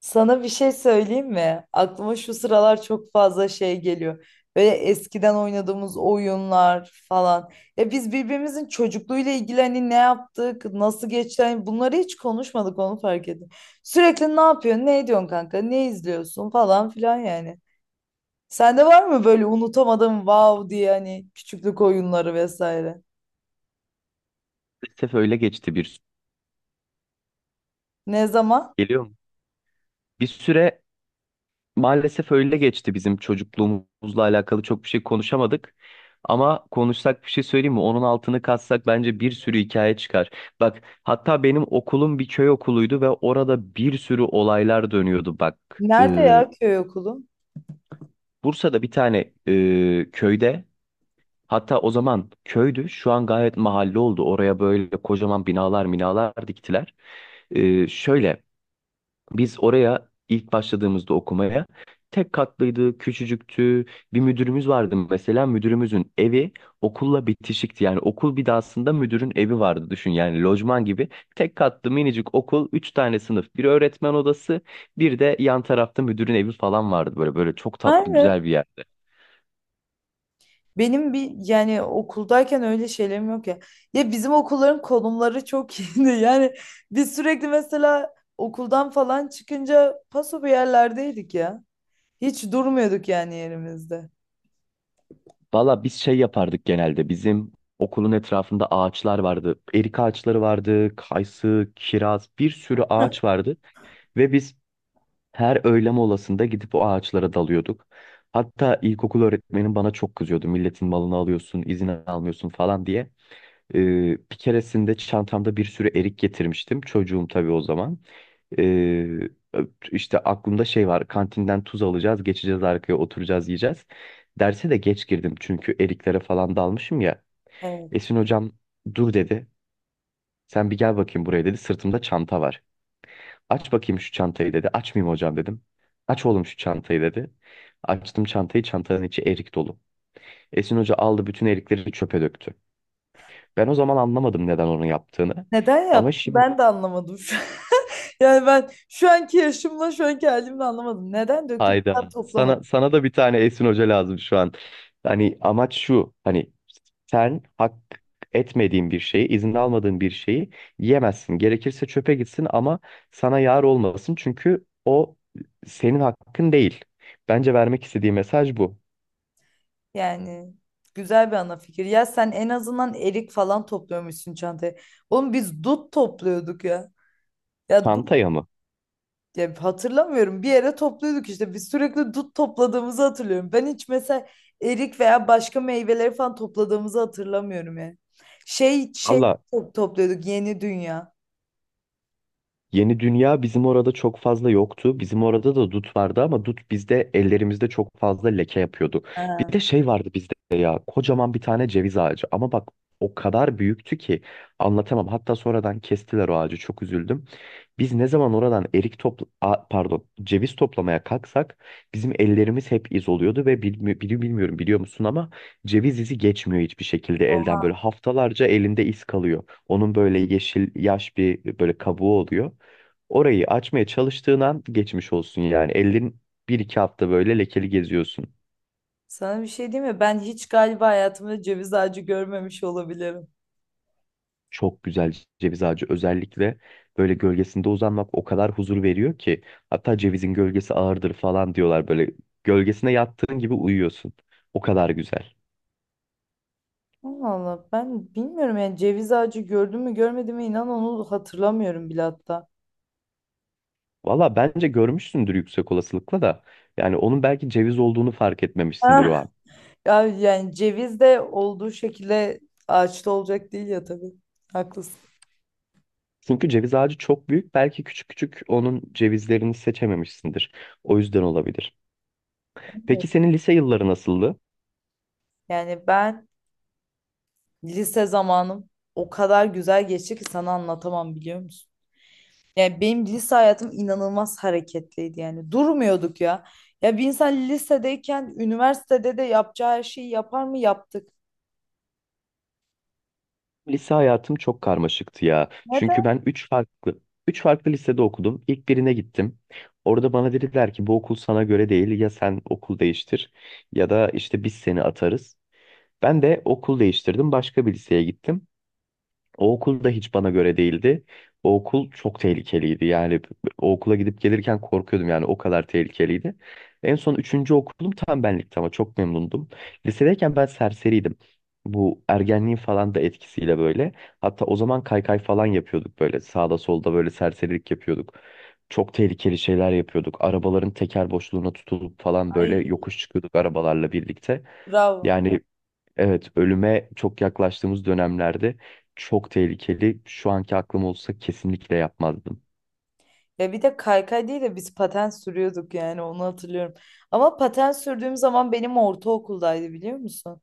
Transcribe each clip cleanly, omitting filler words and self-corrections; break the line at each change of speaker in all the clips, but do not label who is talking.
Sana bir şey söyleyeyim mi? Aklıma şu sıralar çok fazla şey geliyor. Böyle eskiden oynadığımız oyunlar falan. Ya biz birbirimizin çocukluğuyla ilgili hani ne yaptık, nasıl geçti, hani bunları hiç konuşmadık, onu fark ettim. Sürekli ne yapıyorsun, ne ediyorsun kanka, ne izliyorsun falan filan yani. Sende var mı böyle unutamadığım wow diye hani küçüklük oyunları vesaire?
Maalesef öyle geçti bir süre.
Ne zaman?
Geliyor mu? Bir süre maalesef öyle geçti, bizim çocukluğumuzla alakalı çok bir şey konuşamadık. Ama konuşsak bir şey söyleyeyim mi? Onun altını katsak bence bir sürü hikaye çıkar. Bak, hatta benim okulum bir köy okuluydu ve orada bir sürü olaylar dönüyordu. Bak,
Nerede ya, köy okulu?
Bursa'da bir tane köyde, hatta o zaman köydü, şu an gayet mahalle oldu. Oraya böyle kocaman binalar diktiler. Şöyle. Biz oraya ilk başladığımızda okumaya tek katlıydı, küçücüktü. Bir müdürümüz vardı mesela, müdürümüzün evi okulla bitişikti. Yani okul binasında müdürün evi vardı, düşün yani, lojman gibi. Tek katlı minicik okul, üç tane sınıf, bir öğretmen odası, bir de yan tarafta müdürün evi falan vardı. Böyle böyle çok tatlı,
Nerede?
güzel bir yerdi.
Benim bir yani okuldayken öyle şeylerim yok ya. Ya bizim okulların konumları çok iyiydi. Yani biz sürekli mesela okuldan falan çıkınca paso bir yerlerdeydik ya. Hiç durmuyorduk yani yerimizde.
Valla biz şey yapardık genelde. Bizim okulun etrafında ağaçlar vardı. Erik ağaçları vardı, kayısı, kiraz, bir sürü ağaç vardı. Ve biz her öğle molasında gidip o ağaçlara dalıyorduk. Hatta ilkokul öğretmenim bana çok kızıyordu. Milletin malını alıyorsun, izin almıyorsun falan diye. Ee, bir keresinde çantamda bir sürü erik getirmiştim. Çocuğum tabii o zaman. Ee, işte aklımda şey var. Kantinden tuz alacağız, geçeceğiz arkaya, oturacağız, yiyeceğiz. Derse de geç girdim çünkü eriklere falan dalmışım ya.
Evet.
Esin hocam dur dedi. Sen bir gel bakayım buraya dedi. Sırtımda çanta var. Aç bakayım şu çantayı dedi. Açmayayım hocam dedim. Aç oğlum şu çantayı dedi. Açtım çantayı. Çantanın içi erik dolu. Esin hoca aldı, bütün erikleri çöpe döktü. Ben o zaman anlamadım neden onu yaptığını.
Neden
Ama
yaptı?
şimdi.
Ben de anlamadım şu an. Yani ben şu anki yaşımla şu anki halimle anlamadım. Neden döktüm? Bir
Hayda.
daha toplamadım.
Sana da bir tane Esin Hoca lazım şu an. Hani amaç şu. Hani sen hak etmediğin bir şeyi, izin almadığın bir şeyi yemezsin. Gerekirse çöpe gitsin ama sana yar olmasın. Çünkü o senin hakkın değil. Bence vermek istediği mesaj bu.
Yani güzel bir ana fikir. Ya sen en azından erik falan topluyormuşsun çantaya. Oğlum biz dut topluyorduk ya. Ya,
Çantaya mı?
ya hatırlamıyorum. Bir yere topluyorduk işte. Biz sürekli dut topladığımızı hatırlıyorum. Ben hiç mesela erik veya başka meyveleri falan topladığımızı hatırlamıyorum yani. Şey,
Valla,
topluyorduk Yeni Dünya.
Yeni Dünya bizim orada çok fazla yoktu. Bizim orada da dut vardı ama dut bizde, ellerimizde çok fazla leke yapıyordu. Bir
Ha,
de şey vardı bizde ya, kocaman bir tane ceviz ağacı, ama bak, o kadar büyüktü ki anlatamam. Hatta sonradan kestiler o ağacı, çok üzüldüm. Biz ne zaman oradan erik topla a- pardon ceviz toplamaya kalksak bizim ellerimiz hep iz oluyordu ve bilmiyorum, biliyor musun ama ceviz izi geçmiyor hiçbir şekilde elden, böyle
oha.
haftalarca elinde iz kalıyor. Onun böyle yeşil, yaş bir böyle kabuğu oluyor. Orayı açmaya çalıştığın an geçmiş olsun yani. Ellerin bir iki hafta böyle lekeli geziyorsun.
Sana bir şey diyeyim mi? Ben hiç galiba hayatımda ceviz ağacı görmemiş olabilirim.
Çok güzel ceviz ağacı, özellikle böyle gölgesinde uzanmak o kadar huzur veriyor ki. Hatta cevizin gölgesi ağırdır falan diyorlar böyle. Gölgesine yattığın gibi uyuyorsun. O kadar güzel.
Allah Allah, ben bilmiyorum yani ceviz ağacı gördüm mü görmedim mi, inan onu hatırlamıyorum bile hatta.
Valla bence görmüşsündür, yüksek olasılıkla da. Yani onun belki ceviz olduğunu fark etmemişsindir
Ah.
o an.
Ya yani ceviz de olduğu şekilde ağaçta olacak değil ya tabii. Haklısın.
Çünkü ceviz ağacı çok büyük. Belki küçük küçük onun cevizlerini seçememişsindir. O yüzden olabilir. Peki senin lise yılları nasıldı?
Yani ben lise zamanım o kadar güzel geçti ki sana anlatamam, biliyor musun? Yani benim lise hayatım inanılmaz hareketliydi yani. Durmuyorduk ya. Ya bir insan lisedeyken üniversitede de yapacağı her şeyi yapar mı? Yaptık.
Lise hayatım çok karmaşıktı ya. Çünkü
Neden?
ben üç farklı lisede okudum. İlk birine gittim. Orada bana dediler ki bu okul sana göre değil. Ya sen okul değiştir ya da işte biz seni atarız. Ben de okul değiştirdim. Başka bir liseye gittim. O okul da hiç bana göre değildi. O okul çok tehlikeliydi. Yani o okula gidip gelirken korkuyordum, yani o kadar tehlikeliydi. En son üçüncü okulum tam benlikti, ama çok memnundum. Lisedeyken ben serseriydim. Bu ergenliğin falan da etkisiyle böyle. Hatta o zaman kaykay falan yapıyorduk böyle. Sağda solda böyle serserilik yapıyorduk. Çok tehlikeli şeyler yapıyorduk. Arabaların teker boşluğuna tutulup falan böyle
Ay,
yokuş çıkıyorduk arabalarla birlikte.
bravo.
Yani, evet, ölüme çok yaklaştığımız dönemlerde, çok tehlikeli. Şu anki aklım olsa kesinlikle yapmazdım.
Ya bir de kaykay değil de biz paten sürüyorduk, yani onu hatırlıyorum. Ama paten sürdüğüm zaman benim ortaokuldaydı, biliyor musun?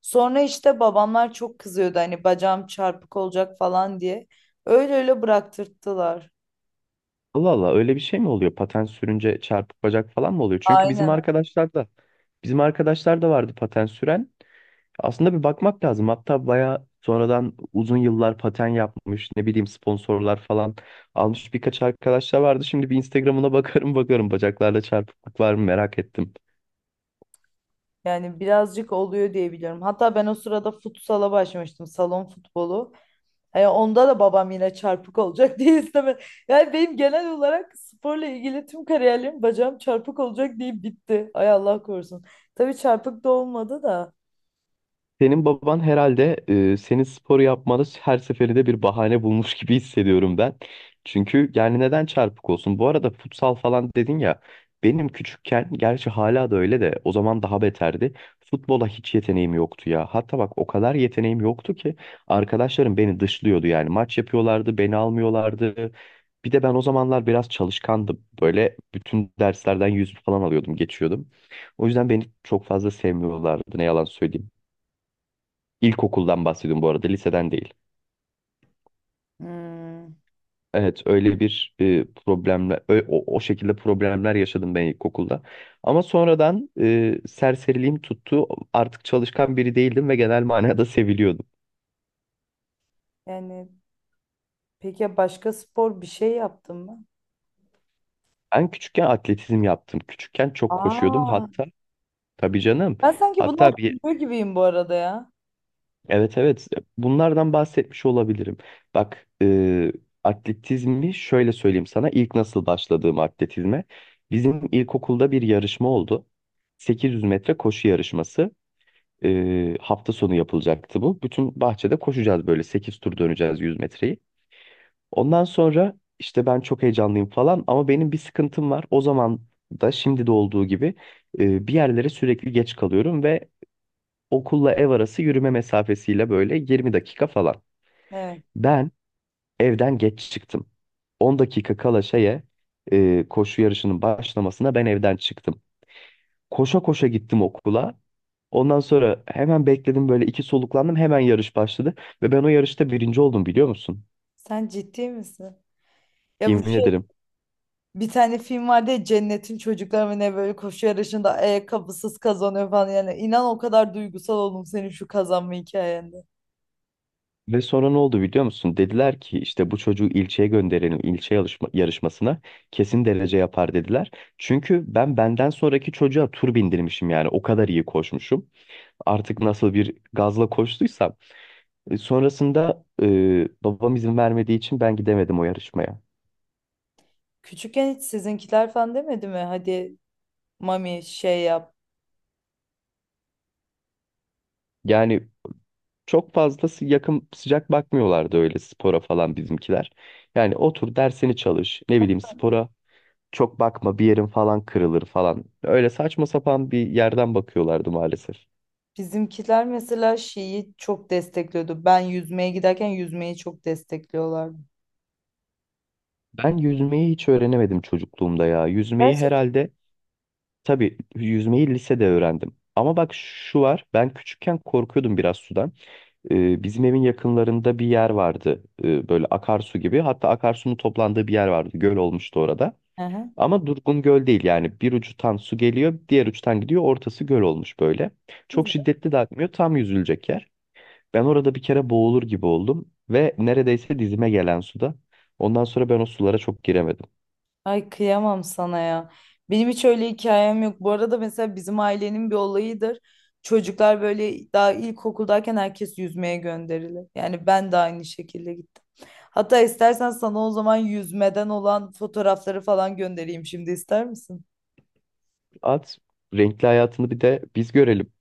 Sonra işte babamlar çok kızıyordu hani bacağım çarpık olacak falan diye. Öyle öyle bıraktırttılar.
Allah Allah, öyle bir şey mi oluyor? Patent sürünce çarpık bacak falan mı oluyor? Çünkü bizim
Aynen.
arkadaşlar da bizim arkadaşlar da vardı patent süren. Aslında bir bakmak lazım. Hatta bayağı sonradan uzun yıllar paten yapmış, ne bileyim sponsorlar falan almış birkaç arkadaşlar vardı. Şimdi bir Instagram'ına bakarım bakarım, bacaklarda çarpıklık var mı merak ettim.
Yani birazcık oluyor diye biliyorum. Hatta ben o sırada futsala başlamıştım. Salon futbolu. Onda da babam yine çarpık olacak diye istemedi. Yani benim genel olarak sporla ilgili tüm kariyerim bacağım çarpık olacak diye bitti. Ay Allah korusun. Tabii çarpık da olmadı da.
Senin baban herhalde senin spor yapmanı her seferinde bir bahane bulmuş gibi hissediyorum ben. Çünkü yani neden çarpık olsun? Bu arada futsal falan dedin ya. Benim küçükken, gerçi hala da öyle de, o zaman daha beterdi. Futbola hiç yeteneğim yoktu ya. Hatta bak, o kadar yeteneğim yoktu ki arkadaşlarım beni dışlıyordu yani. Maç yapıyorlardı, beni almıyorlardı. Bir de ben o zamanlar biraz çalışkandım. Böyle bütün derslerden yüz falan alıyordum, geçiyordum. O yüzden beni çok fazla sevmiyorlardı, ne yalan söyleyeyim. İlkokuldan bahsediyorum bu arada, liseden değil.
Hmm,
Evet, öyle bir problemle, o şekilde problemler yaşadım ben ilkokulda. Ama sonradan serseriliğim tuttu. Artık çalışkan biri değildim ve genel manada seviliyordum.
yani peki ya başka spor bir şey yaptın mı?
Ben küçükken atletizm yaptım. Küçükken çok koşuyordum.
Aa,
Hatta tabii canım.
ben sanki bunu
Hatta bir.
hatırlıyor gibiyim bu arada ya.
Evet, evet, bunlardan bahsetmiş olabilirim. Bak, atletizmi şöyle söyleyeyim sana ilk nasıl başladığım atletizme. Bizim ilkokulda bir yarışma oldu. 800 metre koşu yarışması. Hafta sonu yapılacaktı bu. Bütün bahçede koşacağız böyle, 8 tur döneceğiz 100 metreyi. Ondan sonra işte ben çok heyecanlıyım falan ama benim bir sıkıntım var. O zaman da şimdi de olduğu gibi bir yerlere sürekli geç kalıyorum ve okulla ev arası yürüme mesafesiyle böyle 20 dakika falan.
Evet.
Ben evden geç çıktım. 10 dakika kala şeye, koşu yarışının başlamasına, ben evden çıktım. Koşa koşa gittim okula. Ondan sonra hemen bekledim böyle, iki soluklandım, hemen yarış başladı. Ve ben o yarışta birinci oldum, biliyor musun?
Sen ciddi misin? Ya bu
Yemin
şey,
ederim.
bir tane film vardı ya, Cennet'in Çocukları mı ne, böyle koşu yarışında ayakkabısız kazanıyor falan, yani inan o kadar duygusal oldum senin şu kazanma hikayende.
Ve sonra ne oldu biliyor musun? Dediler ki işte bu çocuğu ilçeye gönderelim, ilçe yarışmasına kesin derece yapar dediler. Çünkü ben benden sonraki çocuğa tur bindirmişim, yani o kadar iyi koşmuşum. Artık nasıl bir gazla koştuysam. Sonrasında babam izin vermediği için ben gidemedim o yarışmaya.
Küçükken hiç sizinkiler falan demedi mi? Hadi mami şey yap.
Yani çok fazla yakın sıcak bakmıyorlardı öyle spora falan bizimkiler. Yani otur dersini çalış, ne bileyim, spora çok bakma, bir yerin falan kırılır falan. Öyle saçma sapan bir yerden bakıyorlardı maalesef.
Bizimkiler mesela şeyi çok destekliyordu. Ben yüzmeye giderken yüzmeyi çok destekliyorlardı.
Ben yüzmeyi hiç öğrenemedim çocukluğumda ya. Yüzmeyi
Gerçekten.
herhalde, tabii yüzmeyi lisede öğrendim. Ama bak şu var, ben küçükken korkuyordum biraz sudan. Bizim evin yakınlarında bir yer vardı. Böyle akarsu gibi. Hatta akarsunun toplandığı bir yer vardı. Göl olmuştu orada.
Hı
Ama durgun göl değil yani. Bir ucundan su geliyor, diğer uçtan gidiyor. Ortası göl olmuş böyle. Çok
hı.
şiddetli de akmıyor. Tam yüzülecek yer. Ben orada bir kere boğulur gibi oldum. Ve neredeyse dizime gelen suda. Ondan sonra ben o sulara çok giremedim.
Ay kıyamam sana ya. Benim hiç öyle hikayem yok. Bu arada mesela bizim ailenin bir olayıdır. Çocuklar böyle daha ilkokuldayken herkes yüzmeye gönderilir. Yani ben de aynı şekilde gittim. Hatta istersen sana o zaman yüzmeden olan fotoğrafları falan göndereyim şimdi, ister misin?
At, renkli hayatını bir de biz görelim.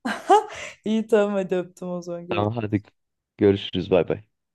İyi tamam, hadi öptüm, o zaman
Tamam
görüşürüz.
hadi, görüşürüz, bay bay.